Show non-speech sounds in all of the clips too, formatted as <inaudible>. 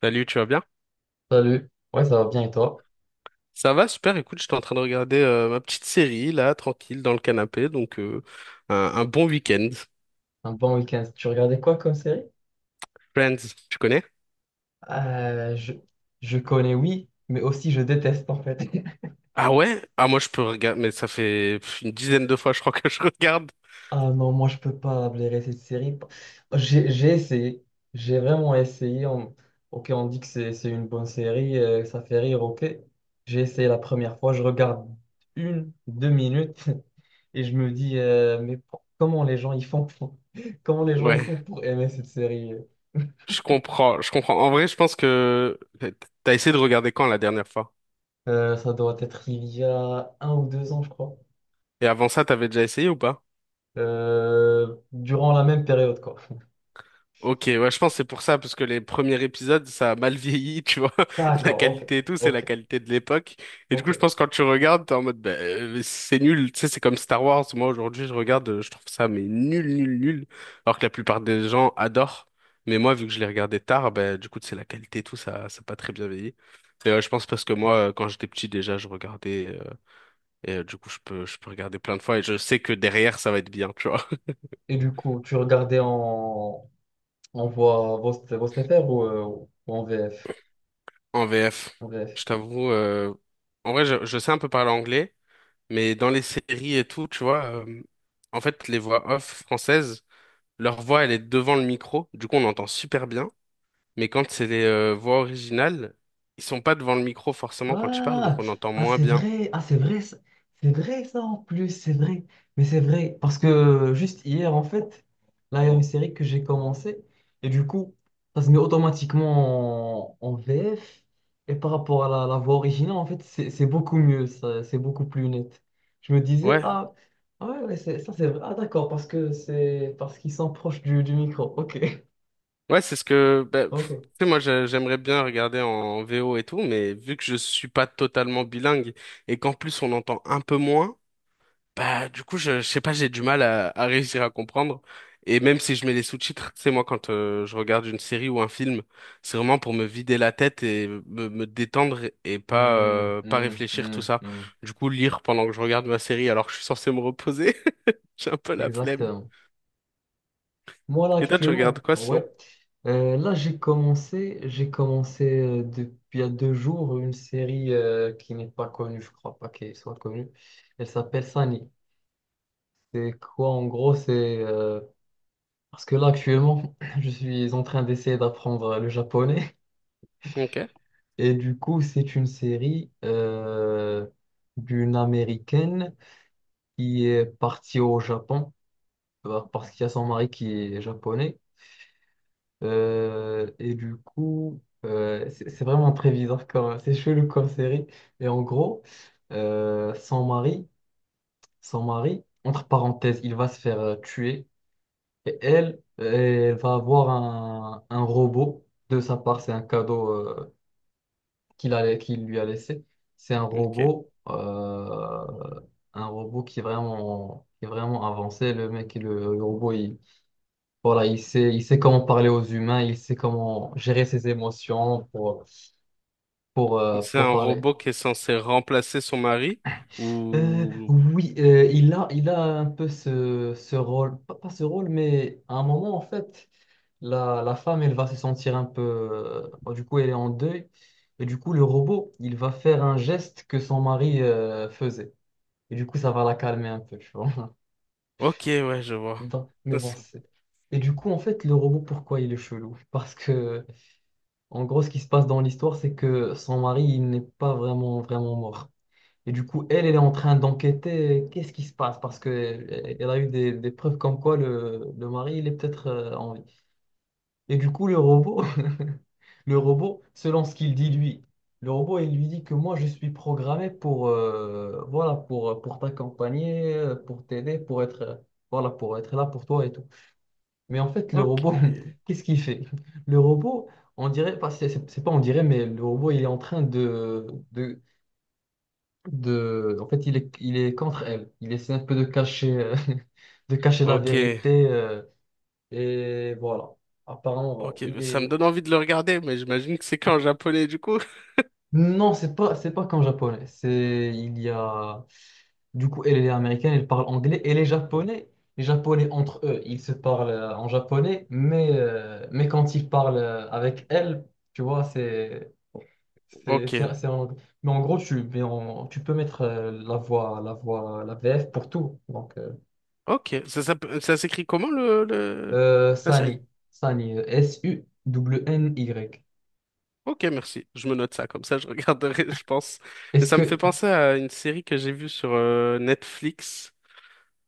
Salut, tu vas bien? Salut, ouais, ça va bien et toi? Ça va, super. Écoute, j'étais en train de regarder ma petite série, là, tranquille, dans le canapé. Donc, un bon week-end. Un bon week-end. Tu regardais quoi comme série? Friends, tu connais? Euh, je, je connais, oui, mais aussi je déteste en fait. <laughs> Ah ouais? Ah, moi, je peux regarder, mais ça fait pff, une dizaine de fois, je crois que je regarde. Ah non, moi je peux pas blairer cette série. J'ai essayé, j'ai vraiment essayé. Ok, on dit que c'est une bonne série, ça fait rire, ok. J'ai essayé la première fois, je regarde une, deux minutes <laughs> et je me dis, mais comment les gens ils font <laughs> comment les gens ils Ouais, font pour aimer cette série? je comprends. En vrai, je pense que t'as essayé de regarder quand la dernière fois? Ça doit être il y a un ou deux ans, je crois. Et avant ça, t'avais déjà essayé ou pas? Durant la même période, quoi. Ok, ouais, je pense que c'est pour ça, parce que les premiers épisodes, ça a mal vieilli, tu vois. <laughs> La D'accord, ok, qualité et tout, c'est la ok, qualité de l'époque. Et du coup, je ok. pense que quand tu regardes, t'es en mode, bah, c'est nul. Tu sais, c'est comme Star Wars. Moi, aujourd'hui, je regarde, je trouve ça, mais nul, nul, nul. Alors que la plupart des gens adorent. Mais moi, vu que je l'ai regardé tard, bah, du coup, c'est la qualité et tout, ça a pas très bien vieilli. Et ouais, je pense parce que moi, quand j'étais petit, déjà, je regardais, et du coup, je peux regarder plein de fois et je sais que derrière, ça va être bien, tu vois. Et du coup, tu regardais en voix STFR ou en VF? En VF, En VF. je t'avoue, en vrai, je sais un peu parler anglais, mais dans les séries et tout, tu vois, en fait, les voix off françaises, leur voix, elle est devant le micro, du coup, on entend super bien, mais quand c'est les voix originales, ils sont pas devant le micro forcément quand tu parles, donc Ah, on entend moins bien. Ah c'est vrai, c'est vrai ça en plus, c'est vrai. Mais c'est vrai, parce que juste hier, en fait, là, il y a une série que j'ai commencé, et du coup, ça se met automatiquement en VF, et par rapport à la voix originale, en fait, c'est beaucoup mieux, ça, c'est beaucoup plus net. Je me disais, Ouais, ah, ah ouais, ouais, ça c'est vrai, ah d'accord, parce que c'est parce qu'ils sont proches du micro, ok, <laughs> ouais, c'est ce que, bah, pff, ok. tu sais, moi, j'aimerais bien regarder en VO et tout, mais vu que je suis pas totalement bilingue et qu'en plus on entend un peu moins. Bah, du coup, je sais pas, j'ai du mal à réussir à comprendre. Et même si je mets les sous-titres, c'est moi, quand je regarde une série ou un film, c'est vraiment pour me vider la tête et me détendre et pas Hmm, pas hmm, réfléchir hmm, tout ça. hmm. Du coup, lire pendant que je regarde ma série alors que je suis censé me reposer, <laughs> j'ai un peu la flemme. Exactement. Moi, là, Et toi, tu regardes actuellement, quoi sinon? ouais. Là, j'ai commencé depuis il y a deux jours une série qui n'est pas connue, je crois pas qu'elle soit connue. Elle s'appelle Sunny. C'est quoi, en gros, euh, parce que là, actuellement, <clears throat> je suis en train d'essayer d'apprendre le japonais. Ok, Et du coup, c'est une série d'une Américaine qui est partie au Japon, parce qu'il y a son mari qui est japonais. Et du coup, c'est vraiment très bizarre comme, c'est chelou comme série. Et en gros, euh, son mari, son mari, entre parenthèses, il va se faire, tuer. Et elle, elle va avoir un robot. De sa part, c'est un cadeau, qu'il lui a laissé. C'est un ok. robot, un robot qui est vraiment avancé. Le robot, voilà, il sait comment parler aux humains, il sait comment gérer ses émotions pour, pour, euh, C'est pour un parler. robot qui est censé remplacer son mari ou... Oui, il a un peu ce rôle, pas ce rôle, mais à un moment, en fait, la femme, elle va se sentir un peu, du coup, elle est en deuil. Et du coup, le robot, il va faire un geste que son mari, faisait. Et du coup, ça va la calmer un peu, tu vois. Ok, ouais, je <laughs> vois. Mais Ça, bon, c'est- c'est... Et du coup, en fait, le robot, pourquoi il est chelou? En gros, ce qui se passe dans l'histoire, c'est que son mari, il n'est pas vraiment, vraiment mort. Et du coup, elle, elle est en train d'enquêter, qu'est-ce qui se passe parce qu'elle elle a eu des preuves comme quoi le mari, il est peut-être, en vie. Et du coup, le robot, <laughs> le robot, selon ce qu'il dit lui, le robot, il lui dit que moi, je suis programmé voilà, pour t'accompagner, pour t'aider, voilà, pour être là pour toi et tout. Mais en fait, le Ok. robot, <laughs> qu'est-ce qu'il fait? Le robot, on dirait, enfin, c'est pas on dirait, mais le robot, il est en train de, en fait, il est contre elle. Il essaie un peu de cacher, <laughs> de cacher la Ok. vérité. Et voilà. Apparemment, voilà. Ok, ça me donne envie de le regarder, mais j'imagine que c'est qu'en japonais du coup. Non, c'est pas comme japonais. C'est, il y a, Du coup, elle elle est américaine, elle parle anglais. Et les japonais. Les japonais entre eux, ils se parlent, en japonais, mais quand ils parlent, avec elle, tu vois, c'est, c'est, Ok, c'est, c'est en anglais. Mais en gros, tu peux mettre la VF pour tout. Ok. Ça s'écrit comment le la série? Sunny, Suwny. Ok, merci. Je me note ça, comme ça je regarderai, <laughs> je pense. Et Est-ce ça me fait que, penser à une série que j'ai vue sur Netflix.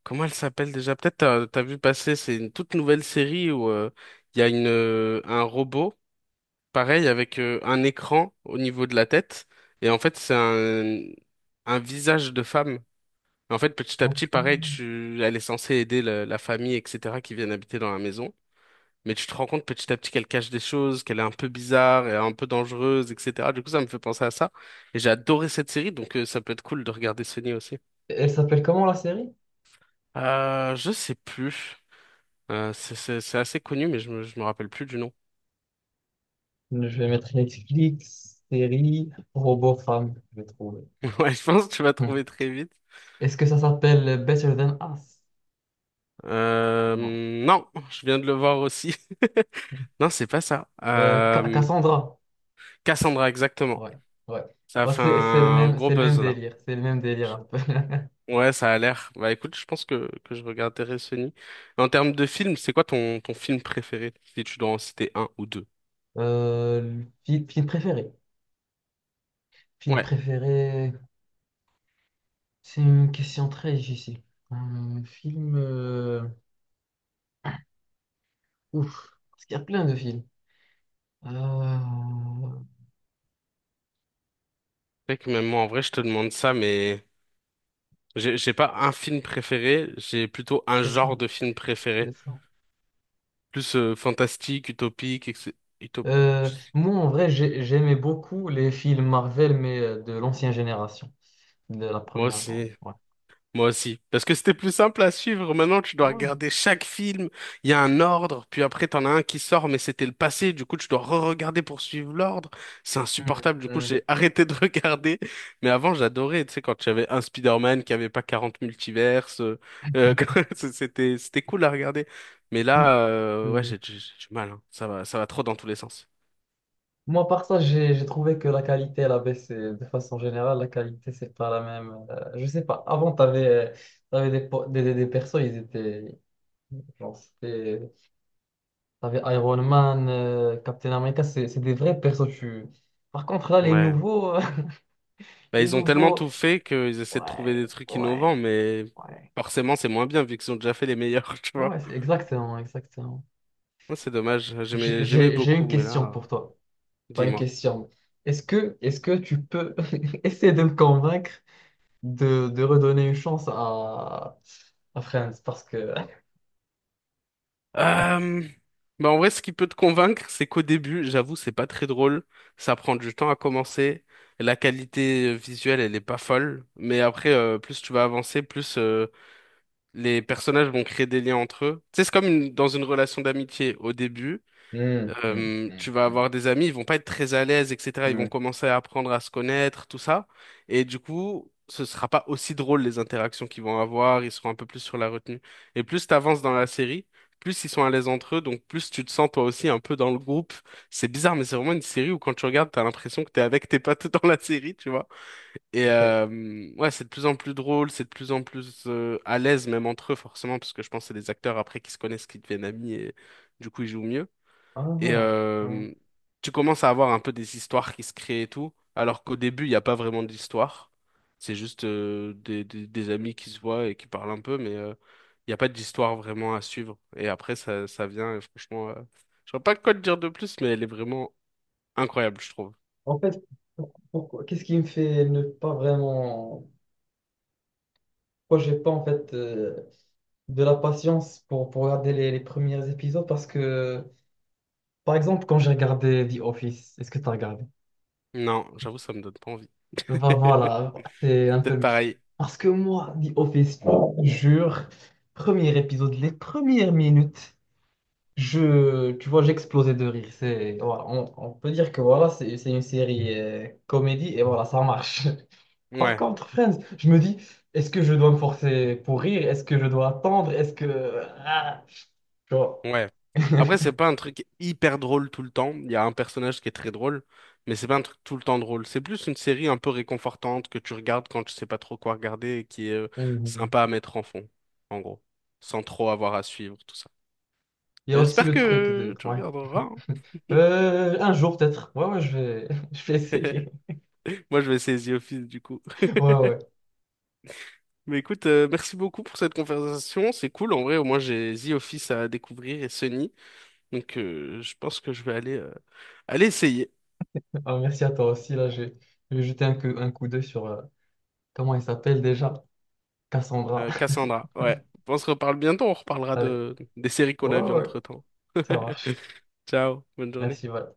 Comment elle s'appelle déjà? Peut-être t'as vu passer, c'est une toute nouvelle série où il y a un robot, pareil, avec un écran au niveau de la tête. Et en fait, un visage de femme. En fait, petit à petit, pareil, elle est censée aider la famille, etc., qui viennent habiter dans la maison. Mais tu te rends compte petit à petit qu'elle cache des choses, qu'elle est un peu bizarre et un peu dangereuse, etc. Du coup, ça me fait penser à ça. Et j'ai adoré cette série, donc ça peut être cool de regarder Sunny aussi. Elle s'appelle comment la série? Je sais plus. Euh, c'est assez connu, mais je je me rappelle plus du nom. Je vais mettre Netflix, série, robot femme, je vais trouver. <laughs> Ouais, je pense que tu vas Hmm. trouver très vite. Est-ce que ça s'appelle Better Than Us? Euh, Non. non, je viens de le voir aussi. <laughs> Non, c'est pas ça. Cassandra. Cassandra, exactement. Ouais, ouais. Ça a Bah, fait c'est le un même, gros c'est le même buzz, là. délire. C'est le même délire un peu. <laughs> Ouais, ça a l'air. Bah écoute, je pense que je regarderai Sony. En termes de film, c'est quoi ton film préféré, si tu dois en citer un ou deux? Le film préféré. Film Ouais, préféré. C'est une question très difficile. Un film. Ouf. Parce qu'il y a plein de films. Euh, c'est vrai que même moi, en vrai, je te demande ça, mais j'ai pas un film préféré, j'ai plutôt un C'est genre ça. de film préféré. C'est ça. Plus fantastique, utopique, etc. Moi, en vrai, j'aimais beaucoup les films Marvel, mais de l'ancienne génération, de la Moi première, genre. aussi. Ouais. Moi aussi. Parce que c'était plus simple à suivre. Maintenant, tu dois Ouais. regarder chaque film. Il y a un ordre. Puis après, t'en as un qui sort, mais c'était le passé. Du coup, tu dois re-regarder pour suivre l'ordre. C'est insupportable. Du coup, Mm, j'ai arrêté de <laughs> regarder. Mais avant, j'adorais. Tu sais, quand j'avais un Spider-Man qui avait pas 40 multiverses. <laughs> C'était cool à regarder. Mais mm, là, ouais, mm. J'ai du mal. Hein. Ça va trop dans tous les sens. Moi, par ça, j'ai trouvé que la qualité, elle a baissé. De façon générale, la qualité, c'est pas la même. Je sais pas. Avant, t'avais des, po- des persos, ils étaient. Genre, c'était. T'avais Iron Man, Captain America, c'est des vrais persos. Par contre, là, les Ouais. nouveaux. <laughs> Bah, Les ils ont tellement nouveaux. tout fait qu'ils essaient de trouver des Ouais, trucs innovants, ouais. mais ouais. forcément, c'est moins bien vu qu'ils ont déjà fait les meilleurs, <laughs> tu Ouais, vois. c'est exactement, exactement. Ouais, c'est dommage, J'ai j'aimais j'ai- j'ai une beaucoup, mais question là, pour toi. Pas une dis-moi. question. Est-ce que tu peux <laughs> essayer de me convaincre de redonner une chance à Friends? Parce que. Euh, Bah en vrai, ce qui peut te convaincre, c'est qu'au début, j'avoue, c'est pas très drôle. Ça prend du temps à commencer. La qualité visuelle, elle est pas folle. Mais après, plus tu vas avancer, plus les personnages vont créer des liens entre eux. Tu sais, dans une relation d'amitié. Au début, Hmm, hmm, hmm, tu vas hmm, avoir des amis, ils vont pas être très à l'aise, etc. Ils hmm. vont commencer à apprendre à se connaître, tout ça. Et du coup, ce sera pas aussi drôle les interactions qu'ils vont avoir. Ils seront un peu plus sur la retenue. Et plus t'avances dans la série, plus ils sont à l'aise entre eux, donc plus tu te sens toi aussi un peu dans le groupe. C'est bizarre, mais c'est vraiment une série où quand tu regardes, t'as l'impression que t'es avec tes potes <laughs> dans la série, tu vois. Et Ok. Ouais, c'est de plus en plus drôle, c'est de plus en plus à l'aise même entre eux, forcément, parce que je pense que c'est des acteurs après qui se connaissent, qui deviennent amis et du coup ils jouent mieux. Et Ah, hmm. Tu commences à avoir un peu des histoires qui se créent et tout, alors qu'au début, il n'y a pas vraiment d'histoire. C'est juste des amis qui se voient et qui parlent un peu, mais il n'y a pas d'histoire vraiment à suivre. Et après, ça vient, et franchement, je vois pas quoi te dire de plus, mais elle est vraiment incroyable, je trouve. En fait, pourquoi, qu'est-ce qui me fait ne pas vraiment. Pourquoi j'ai pas en fait, de la patience pour regarder les premiers épisodes? Parce que, par exemple, quand j'ai regardé The Office, est-ce que tu as regardé? Non, j'avoue, ça me donne pas envie. <laughs> Bah voilà, C'est c'est un peu... peut-être le- pareil. Parce que moi, The Office, je te jure, premier épisode, les premières minutes, tu vois, j'explosais de rire. Voilà, on peut dire que voilà, c'est une série, comédie et voilà, ça marche. <laughs> Par Ouais. contre, Friends, je me dis, est-ce que je dois me forcer pour rire? Est-ce que je dois attendre? Ah, tu vois. Ouais. <laughs> Après, c'est pas un truc hyper drôle tout le temps. Il y a un personnage qui est très drôle, mais c'est pas un truc tout le temps drôle. C'est plus une série un peu réconfortante que tu regardes quand tu sais pas trop quoi regarder et qui est Mhm. sympa à mettre en fond, en gros, sans trop avoir à suivre tout ça. Il y a Mais aussi j'espère le truc de. que tu Ouais. regarderas. Hein. <laughs> Un jour peut-être. Ouais, ouais, <laughs> je vais essayer. Moi, je vais essayer The Office du coup. Ouais, ouais. Mais écoute, merci beaucoup pour cette conversation. C'est cool. En vrai, au moins, j'ai The Office à découvrir et Sunny. Donc, je pense que je vais aller, aller essayer. Ah, merci à toi aussi. Là, je vais jeter un coup d'œil sur, comment il s'appelle déjà? Cassandra. Cassandra, ouais. On se reparle bientôt, on <laughs> reparlera Allez. de des séries qu'on Ouais, a ouais, vues ouais, entre-temps. ça <laughs> marche. Ciao, bonne journée. Merci, voilà.